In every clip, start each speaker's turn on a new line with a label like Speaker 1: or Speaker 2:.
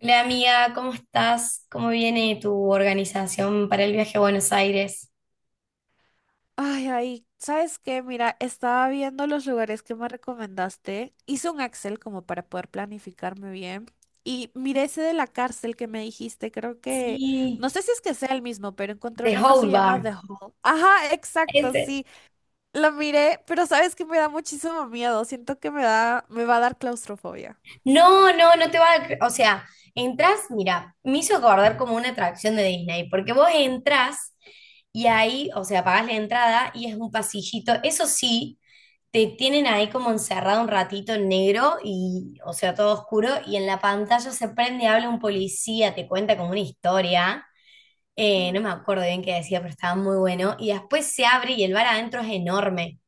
Speaker 1: Hola amiga, ¿cómo estás? ¿Cómo viene tu organización para el viaje a Buenos Aires?
Speaker 2: Ay, ay, ¿sabes qué? Mira, estaba viendo los lugares que me recomendaste. Hice un Excel como para poder planificarme bien. Y miré ese de la cárcel que me dijiste. Creo que, no
Speaker 1: Sí,
Speaker 2: sé si es que sea el mismo, pero encontré
Speaker 1: The
Speaker 2: uno que se
Speaker 1: Whole
Speaker 2: llama
Speaker 1: Bar.
Speaker 2: The Hall. Ajá, exacto,
Speaker 1: Ese.
Speaker 2: sí. Lo miré, pero sabes que me da muchísimo miedo. Siento que me va a dar claustrofobia.
Speaker 1: No, no, no te va a... O sea, entras, mira, me hizo acordar como una atracción de Disney, porque vos entras y ahí, o sea, pagás la entrada y es un pasillito. Eso sí, te tienen ahí como
Speaker 2: Ujú.
Speaker 1: encerrado un ratito en negro y, o sea, todo oscuro, y en la pantalla se prende, habla un policía, te cuenta como una historia. No me
Speaker 2: Ujú.
Speaker 1: acuerdo bien qué decía, pero estaba muy bueno. Y después se abre y el bar adentro es enorme.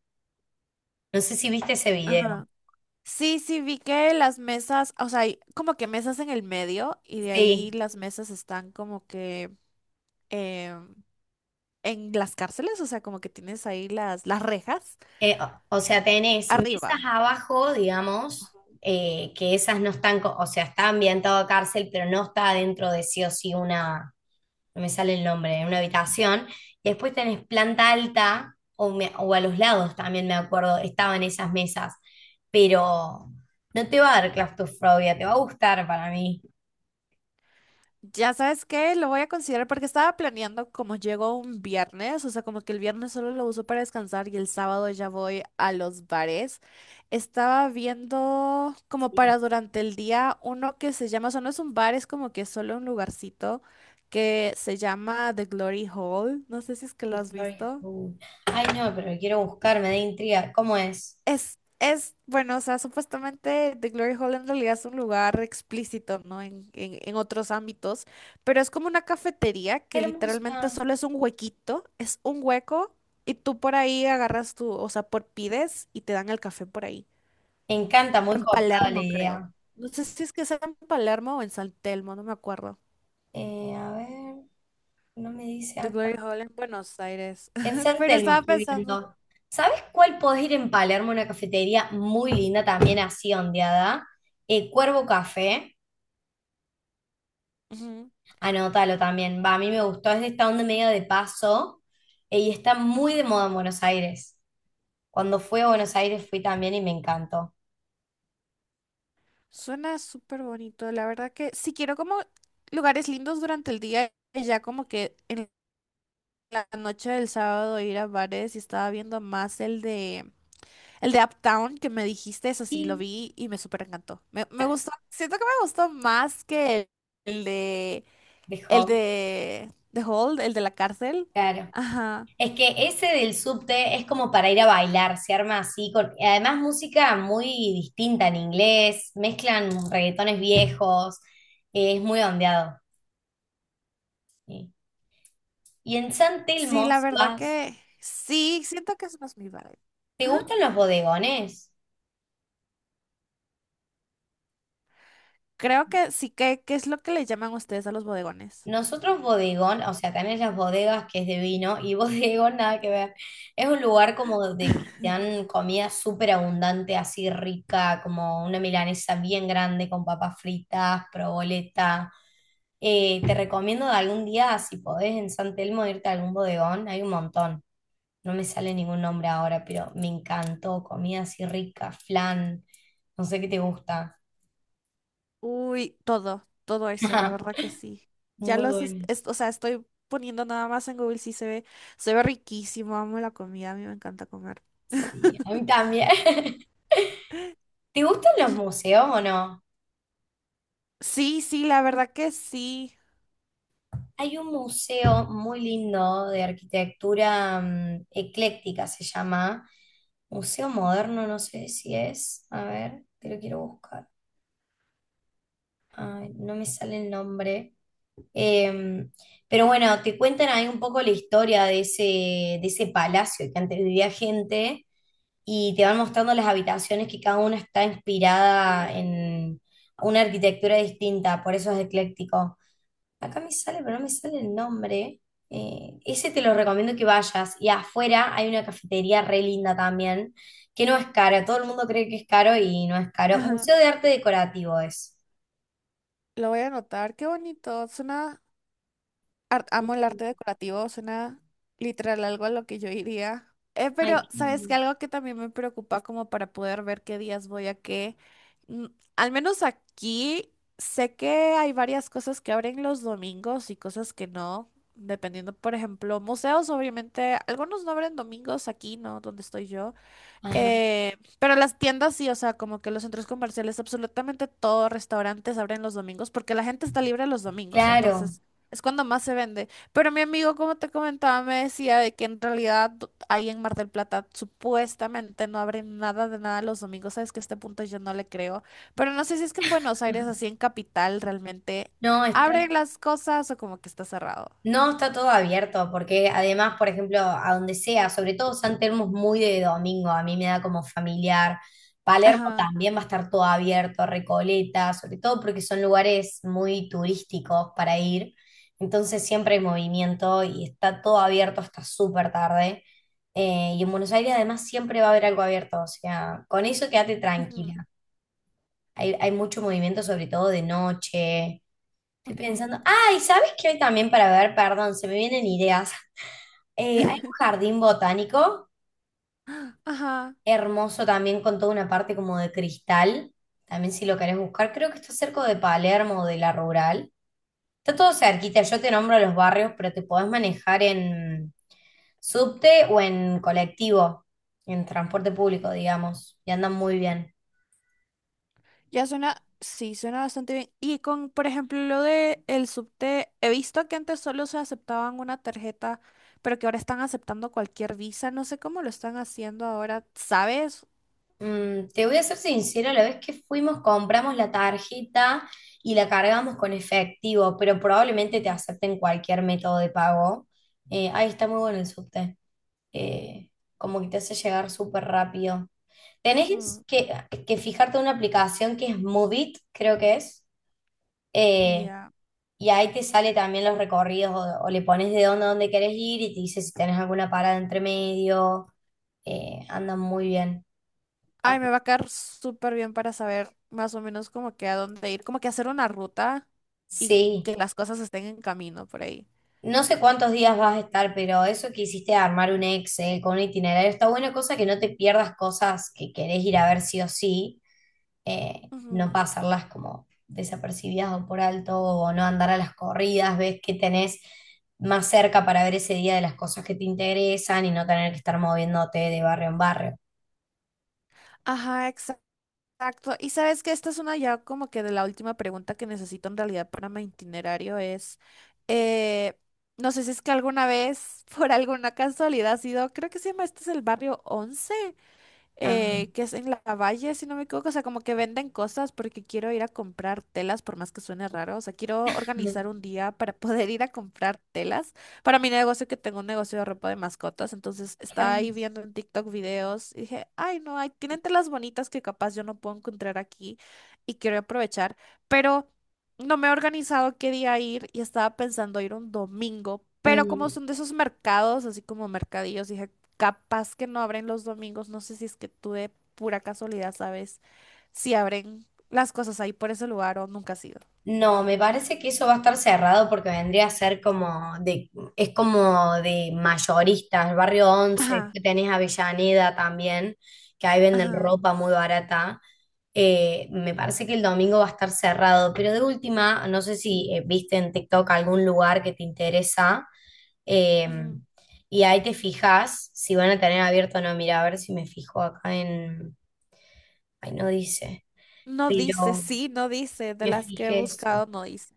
Speaker 1: No sé si viste ese video.
Speaker 2: Ajá. Sí, sí, vi que las mesas, o sea, hay como que mesas en el medio y de ahí
Speaker 1: Sí.
Speaker 2: las mesas están como que... em, en las cárceles, o sea, como que tienes ahí las rejas
Speaker 1: O sea, tenés mesas
Speaker 2: arriba.
Speaker 1: abajo, digamos, que esas no están, o sea, está ambientado a cárcel, pero no está adentro de sí o sí una, no me sale el nombre, una habitación. Y después tenés planta alta, o, o a los lados también me acuerdo, estaban esas mesas. Pero no te va a dar claustrofobia, te va a gustar para mí.
Speaker 2: Ya sabes qué, lo voy a considerar porque estaba planeando como llego un viernes, o sea, como que el viernes solo lo uso para descansar y el sábado ya voy a los bares. Estaba viendo como para durante el día uno que se llama, o sea, no es un bar, es como que solo un lugarcito que se llama The Glory Hall. No sé si es que lo
Speaker 1: The
Speaker 2: has
Speaker 1: Glory
Speaker 2: visto.
Speaker 1: Hole. Ay, no, pero lo quiero buscar, me da intriga. ¿Cómo es?
Speaker 2: Bueno, o sea, supuestamente The Glory Hall en realidad es un lugar explícito, ¿no? En otros ámbitos, pero es como una cafetería que literalmente
Speaker 1: Hermosa.
Speaker 2: solo es un huequito, es un hueco y tú por ahí agarras tu, o sea, por pides y te dan el café por ahí.
Speaker 1: Me encanta, muy
Speaker 2: En
Speaker 1: copada la
Speaker 2: Palermo, creo.
Speaker 1: idea.
Speaker 2: No sé si es que sea en Palermo o en San Telmo, no me acuerdo.
Speaker 1: A ver, no me dice
Speaker 2: The
Speaker 1: acá.
Speaker 2: Glory Hall en Buenos Aires.
Speaker 1: En San
Speaker 2: Pero
Speaker 1: Telmo
Speaker 2: estaba
Speaker 1: estoy
Speaker 2: pensando.
Speaker 1: viendo. ¿Sabes cuál podés ir en Palermo? Una cafetería muy linda, también así ondeada. Cuervo Café.
Speaker 2: Ujú.
Speaker 1: Anótalo también. Va, a mí me gustó. Es de esta onda medio de paso, y está muy de moda en Buenos Aires. Cuando fui a Buenos Aires fui también y me encantó.
Speaker 2: Suena súper bonito. La verdad que si quiero como lugares lindos durante el día, y ya como que en la noche del sábado ir a bares y estaba viendo más el de Uptown que me dijiste, eso sí, lo
Speaker 1: Sí.
Speaker 2: vi y me súper encantó. Me gustó, siento que me gustó más que el, el de el
Speaker 1: Dejó,
Speaker 2: de The Hold, el de la cárcel.
Speaker 1: claro.
Speaker 2: Ajá.
Speaker 1: Es que ese del subte es como para ir a bailar, se arma así, con, además música muy distinta en inglés, mezclan reggaetones viejos, es muy ondeado, sí. Y en San
Speaker 2: Sí,
Speaker 1: Telmo,
Speaker 2: la
Speaker 1: si
Speaker 2: verdad
Speaker 1: vas,
Speaker 2: que sí, siento que es más mi vibe.
Speaker 1: ¿te
Speaker 2: Ajá.
Speaker 1: gustan los bodegones?
Speaker 2: Creo que sí que, ¿qué es lo que le llaman ustedes a los bodegones?
Speaker 1: Nosotros bodegón, o sea, también las bodegas que es de vino y bodegón nada que ver. Es un lugar como de que te dan comida súper abundante, así rica, como una milanesa bien grande con papas fritas, proboleta. Te recomiendo de algún día, si podés, en San Telmo irte a algún bodegón, hay un montón. No me sale ningún nombre ahora, pero me encantó. Comida así rica, flan, no sé qué te gusta.
Speaker 2: Uy, todo, todo eso, la verdad que sí.
Speaker 1: Muy bueno.
Speaker 2: O sea, estoy poniendo nada más en Google, sí se ve riquísimo, amo la comida, a mí me encanta comer.
Speaker 1: Sí, a mí también. ¿Te gustan los
Speaker 2: Y
Speaker 1: museos o no?
Speaker 2: sí, sí, la verdad que sí.
Speaker 1: Hay un museo muy lindo de arquitectura ecléctica, se llama. Museo Moderno, no sé si es. A ver, te lo quiero buscar. Ay, no me sale el nombre. Eh, pero bueno, te cuentan ahí un poco la historia de ese palacio que antes vivía gente y te van mostrando las habitaciones que cada una está inspirada en una arquitectura distinta, por eso es ecléctico. Acá me sale, pero no me sale el nombre. Ese te lo recomiendo que vayas. Y afuera hay una cafetería re linda también, que no es cara. Todo el mundo cree que es caro y no es caro.
Speaker 2: Ajá,
Speaker 1: Museo de Arte Decorativo es.
Speaker 2: lo voy a anotar, qué bonito, suena, amo el arte decorativo, suena literal algo a lo que yo iría. Pero,
Speaker 1: Ay, qué
Speaker 2: ¿sabes qué?
Speaker 1: lindo.
Speaker 2: Algo que también me preocupa como para poder ver qué días voy a qué. Mm, al menos aquí sé que hay varias cosas que abren los domingos y cosas que no. Dependiendo, por ejemplo, museos, obviamente, algunos no abren domingos aquí, ¿no? Donde estoy yo.
Speaker 1: Ajá,
Speaker 2: Pero las tiendas sí, o sea, como que los centros comerciales, absolutamente todos restaurantes abren los domingos porque la gente está libre los domingos,
Speaker 1: claro.
Speaker 2: entonces es cuando más se vende. Pero mi amigo, como te comentaba, me decía de que en realidad ahí en Mar del Plata supuestamente no abren nada de nada los domingos, sabes que a este punto yo no le creo, pero no sé si es que en Buenos Aires, así en capital, realmente
Speaker 1: No, está
Speaker 2: abren las cosas o como que está cerrado.
Speaker 1: No, está todo abierto, porque además, por ejemplo, a donde sea, sobre todo San Telmo es muy de domingo, a mí me da como familiar. Palermo
Speaker 2: Ajá.
Speaker 1: también va a estar todo abierto, Recoleta, sobre todo porque son lugares muy turísticos para ir. Entonces siempre hay movimiento y está todo abierto hasta súper tarde. Y en Buenos Aires además siempre va a haber algo abierto, o sea, con eso quédate
Speaker 2: Ujú,
Speaker 1: tranquila. Hay mucho movimiento, sobre todo de noche. Estoy
Speaker 2: ujú.
Speaker 1: pensando, ay, ¿sabes qué hoy también para ver? Perdón, se me vienen ideas. Hay un jardín botánico
Speaker 2: Ajá.
Speaker 1: hermoso también con toda una parte como de cristal. También si lo querés buscar, creo que está cerca de Palermo o de La Rural. Está todo cerquita, yo te nombro los barrios, pero te podés manejar en subte o en colectivo, en transporte público, digamos, y andan muy bien.
Speaker 2: Ya suena, sí, suena bastante bien. Y con, por ejemplo, lo de el subte, he visto que antes solo se aceptaban una tarjeta, pero que ahora están aceptando cualquier visa. No sé cómo lo están haciendo ahora, ¿sabes?
Speaker 1: Mm, te voy a ser sincera, la vez que fuimos compramos la tarjeta y la cargamos con efectivo, pero probablemente te
Speaker 2: Mm,
Speaker 1: acepten cualquier método de pago. Ahí está muy bueno el subte. Eh, Como que te hace llegar súper rápido. Tenés
Speaker 2: ujú,
Speaker 1: que, que fijarte en una aplicación que es Moovit, creo que es. Eh,
Speaker 2: ya.
Speaker 1: y ahí te sale también los recorridos o le pones de dónde a dónde querés ir y te dice si tenés alguna parada entre medio. Andan muy bien.
Speaker 2: Ay, me va a caer súper bien para saber más o menos como que a dónde ir, como que hacer una ruta y
Speaker 1: Sí,
Speaker 2: que las cosas estén en camino por ahí.
Speaker 1: no sé cuántos días vas a estar, pero eso que hiciste de armar un Excel con un itinerario está buena cosa que no te pierdas cosas que querés ir a ver sí o sí, no
Speaker 2: Ujú.
Speaker 1: pasarlas como desapercibidas o por alto o no andar a las corridas, ves que tenés más cerca para ver ese día de las cosas que te interesan y no tener que estar moviéndote de barrio en barrio.
Speaker 2: Ajá, exacto. Y sabes que esta es una ya como que de la última pregunta que necesito en realidad para mi itinerario es, eh, no sé si es que alguna vez, por alguna casualidad, has ido, creo que se llama, este es el barrio Once
Speaker 1: Ah,
Speaker 2: que es en la Valle, si no me equivoco, o sea, como que venden cosas porque quiero ir a comprar telas, por más que suene raro, o sea, quiero organizar un día para poder ir a comprar telas para mi negocio, que tengo un negocio de ropa de mascotas, entonces
Speaker 1: qué
Speaker 2: estaba ahí
Speaker 1: hermoso.
Speaker 2: viendo en TikTok videos y dije, ay, no, hay, tienen telas bonitas que capaz yo no puedo encontrar aquí y quiero aprovechar, pero no me he organizado qué día ir y estaba pensando ir un domingo. Pero como
Speaker 1: Mm.
Speaker 2: son de esos mercados, así como mercadillos, dije capaz que no abren los domingos, no sé si es que tú de pura casualidad sabes si abren las cosas ahí por ese lugar o nunca has ido.
Speaker 1: No, me parece que eso va a estar cerrado porque vendría a ser como de, es como de mayoristas, barrio Once,
Speaker 2: Ajá,
Speaker 1: que tenés Avellaneda también, que ahí venden
Speaker 2: ajá.
Speaker 1: ropa muy barata. Me parece que el domingo va a estar cerrado, pero de última, no sé si viste en TikTok algún lugar que te interesa, eh,
Speaker 2: Ujú.
Speaker 1: y ahí te fijas si van a tener abierto o no. Mira, a ver si me fijo acá en... Ay, no dice,
Speaker 2: No dice,
Speaker 1: pero
Speaker 2: sí, no dice, de
Speaker 1: me
Speaker 2: las que he
Speaker 1: fijé eso.
Speaker 2: buscado no dice.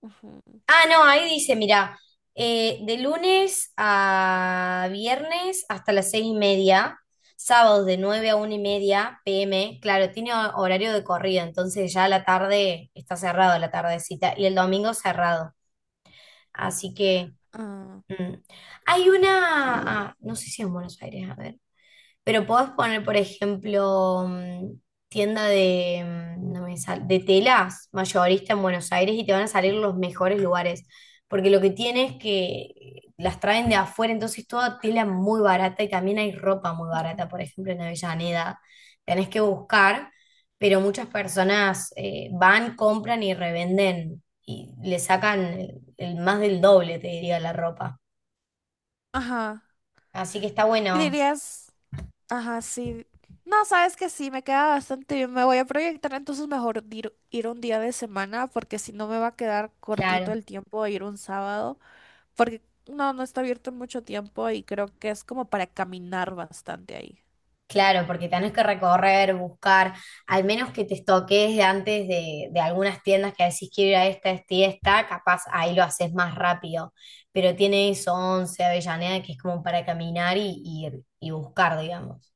Speaker 2: Ujú.
Speaker 1: Ah, no, ahí dice, mira, de lunes a viernes hasta las seis y media, sábados de 9 a una y media p m, claro, tiene horario de corrido, entonces ya la tarde está cerrado, la tardecita, y el domingo cerrado. Así que
Speaker 2: Ah.
Speaker 1: mm. Hay una, ah, no sé si en Buenos Aires, a ver. Pero podés poner, por ejemplo, mm, tienda de, mm, no me sal- de telas mayorista en Buenos Aires y te van a salir los mejores lugares. Porque lo que tiene es que las traen de afuera, entonces toda tela muy barata y también hay ropa muy barata.
Speaker 2: Ujú.
Speaker 1: Por ejemplo, en Avellaneda tenés que buscar, pero muchas personas van, compran y revenden y le sacan el más del doble, te diría, la ropa.
Speaker 2: Ajá.
Speaker 1: Así que está
Speaker 2: Y
Speaker 1: bueno,
Speaker 2: dirías, ajá, sí. No, sabes que sí, me queda bastante bien. Me voy a proyectar, entonces mejor ir, un día de semana, porque si no me va a quedar cortito
Speaker 1: claro.
Speaker 2: el tiempo de ir un sábado. Porque no está abierto mucho tiempo y creo que es como para caminar bastante ahí.
Speaker 1: Claro, porque tenés que recorrer, buscar, al menos que te estoques de antes de algunas tiendas que decís quiero ir a esta, esta y esta, capaz ahí lo haces más rápido. Pero tiene eso, 11 Avellaneda, que es como para caminar y buscar, digamos.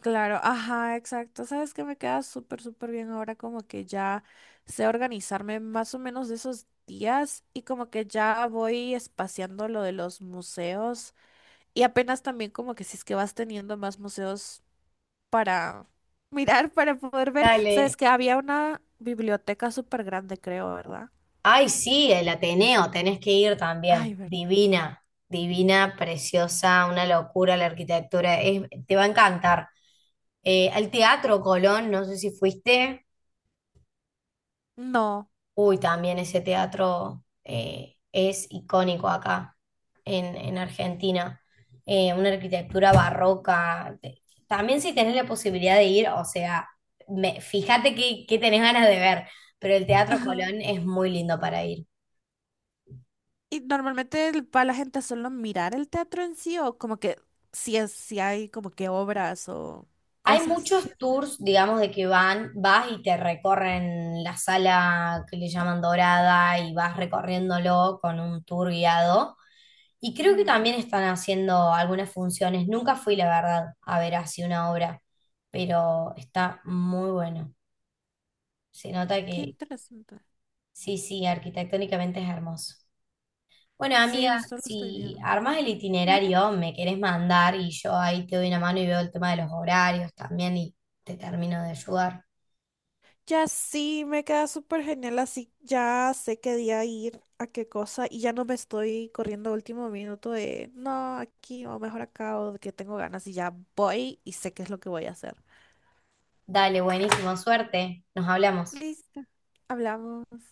Speaker 2: Claro, ajá, exacto. Sabes que me queda súper, súper bien ahora como que ya sé organizarme más o menos de esos días y como que ya voy espaciando lo de los museos y apenas también como que si es que vas teniendo más museos para mirar, para poder ver. Sabes
Speaker 1: Dale.
Speaker 2: que había una biblioteca súper grande, creo, ¿verdad?
Speaker 1: Ay, sí, el Ateneo, tenés que ir
Speaker 2: Ay,
Speaker 1: también.
Speaker 2: ¿verdad?
Speaker 1: Divina, divina, preciosa, una locura la arquitectura, te va a encantar. Al Teatro Colón, no sé si fuiste.
Speaker 2: No.
Speaker 1: Uy, también ese teatro es icónico acá en Argentina. Una arquitectura barroca. También si tenés la posibilidad de ir, o sea, fíjate qué tenés ganas de ver, pero el Teatro Colón es muy lindo para ir.
Speaker 2: Y normalmente va la gente a solo mirar el teatro en sí o como que si es, si hay como que obras o
Speaker 1: Hay
Speaker 2: cosas que...
Speaker 1: muchos tours, digamos, de que van, vas y te recorren la sala que le llaman dorada y vas recorriéndolo con un tour guiado. Y creo que
Speaker 2: Ujú.
Speaker 1: también están haciendo algunas funciones. Nunca fui, la verdad, a ver así una obra, pero está muy bueno. Se nota
Speaker 2: Qué
Speaker 1: que
Speaker 2: interesante.
Speaker 1: sí, sí, arquitectónicamente es hermoso. Bueno,
Speaker 2: Sí,
Speaker 1: amiga,
Speaker 2: justo lo estoy
Speaker 1: si
Speaker 2: viendo.
Speaker 1: armas el
Speaker 2: Ajá.
Speaker 1: itinerario, me querés mandar y yo ahí te doy una mano y veo el tema de los horarios también y te termino de ayudar.
Speaker 2: Ya sí, me queda súper genial, así ya sé qué día ir, a qué cosa, y ya no me estoy corriendo a último minuto de no, aquí o mejor acá o de que tengo ganas y ya voy y sé qué es lo que voy a hacer.
Speaker 1: Dale, buenísimo, suerte. Nos hablamos.
Speaker 2: Listo. Hablamos.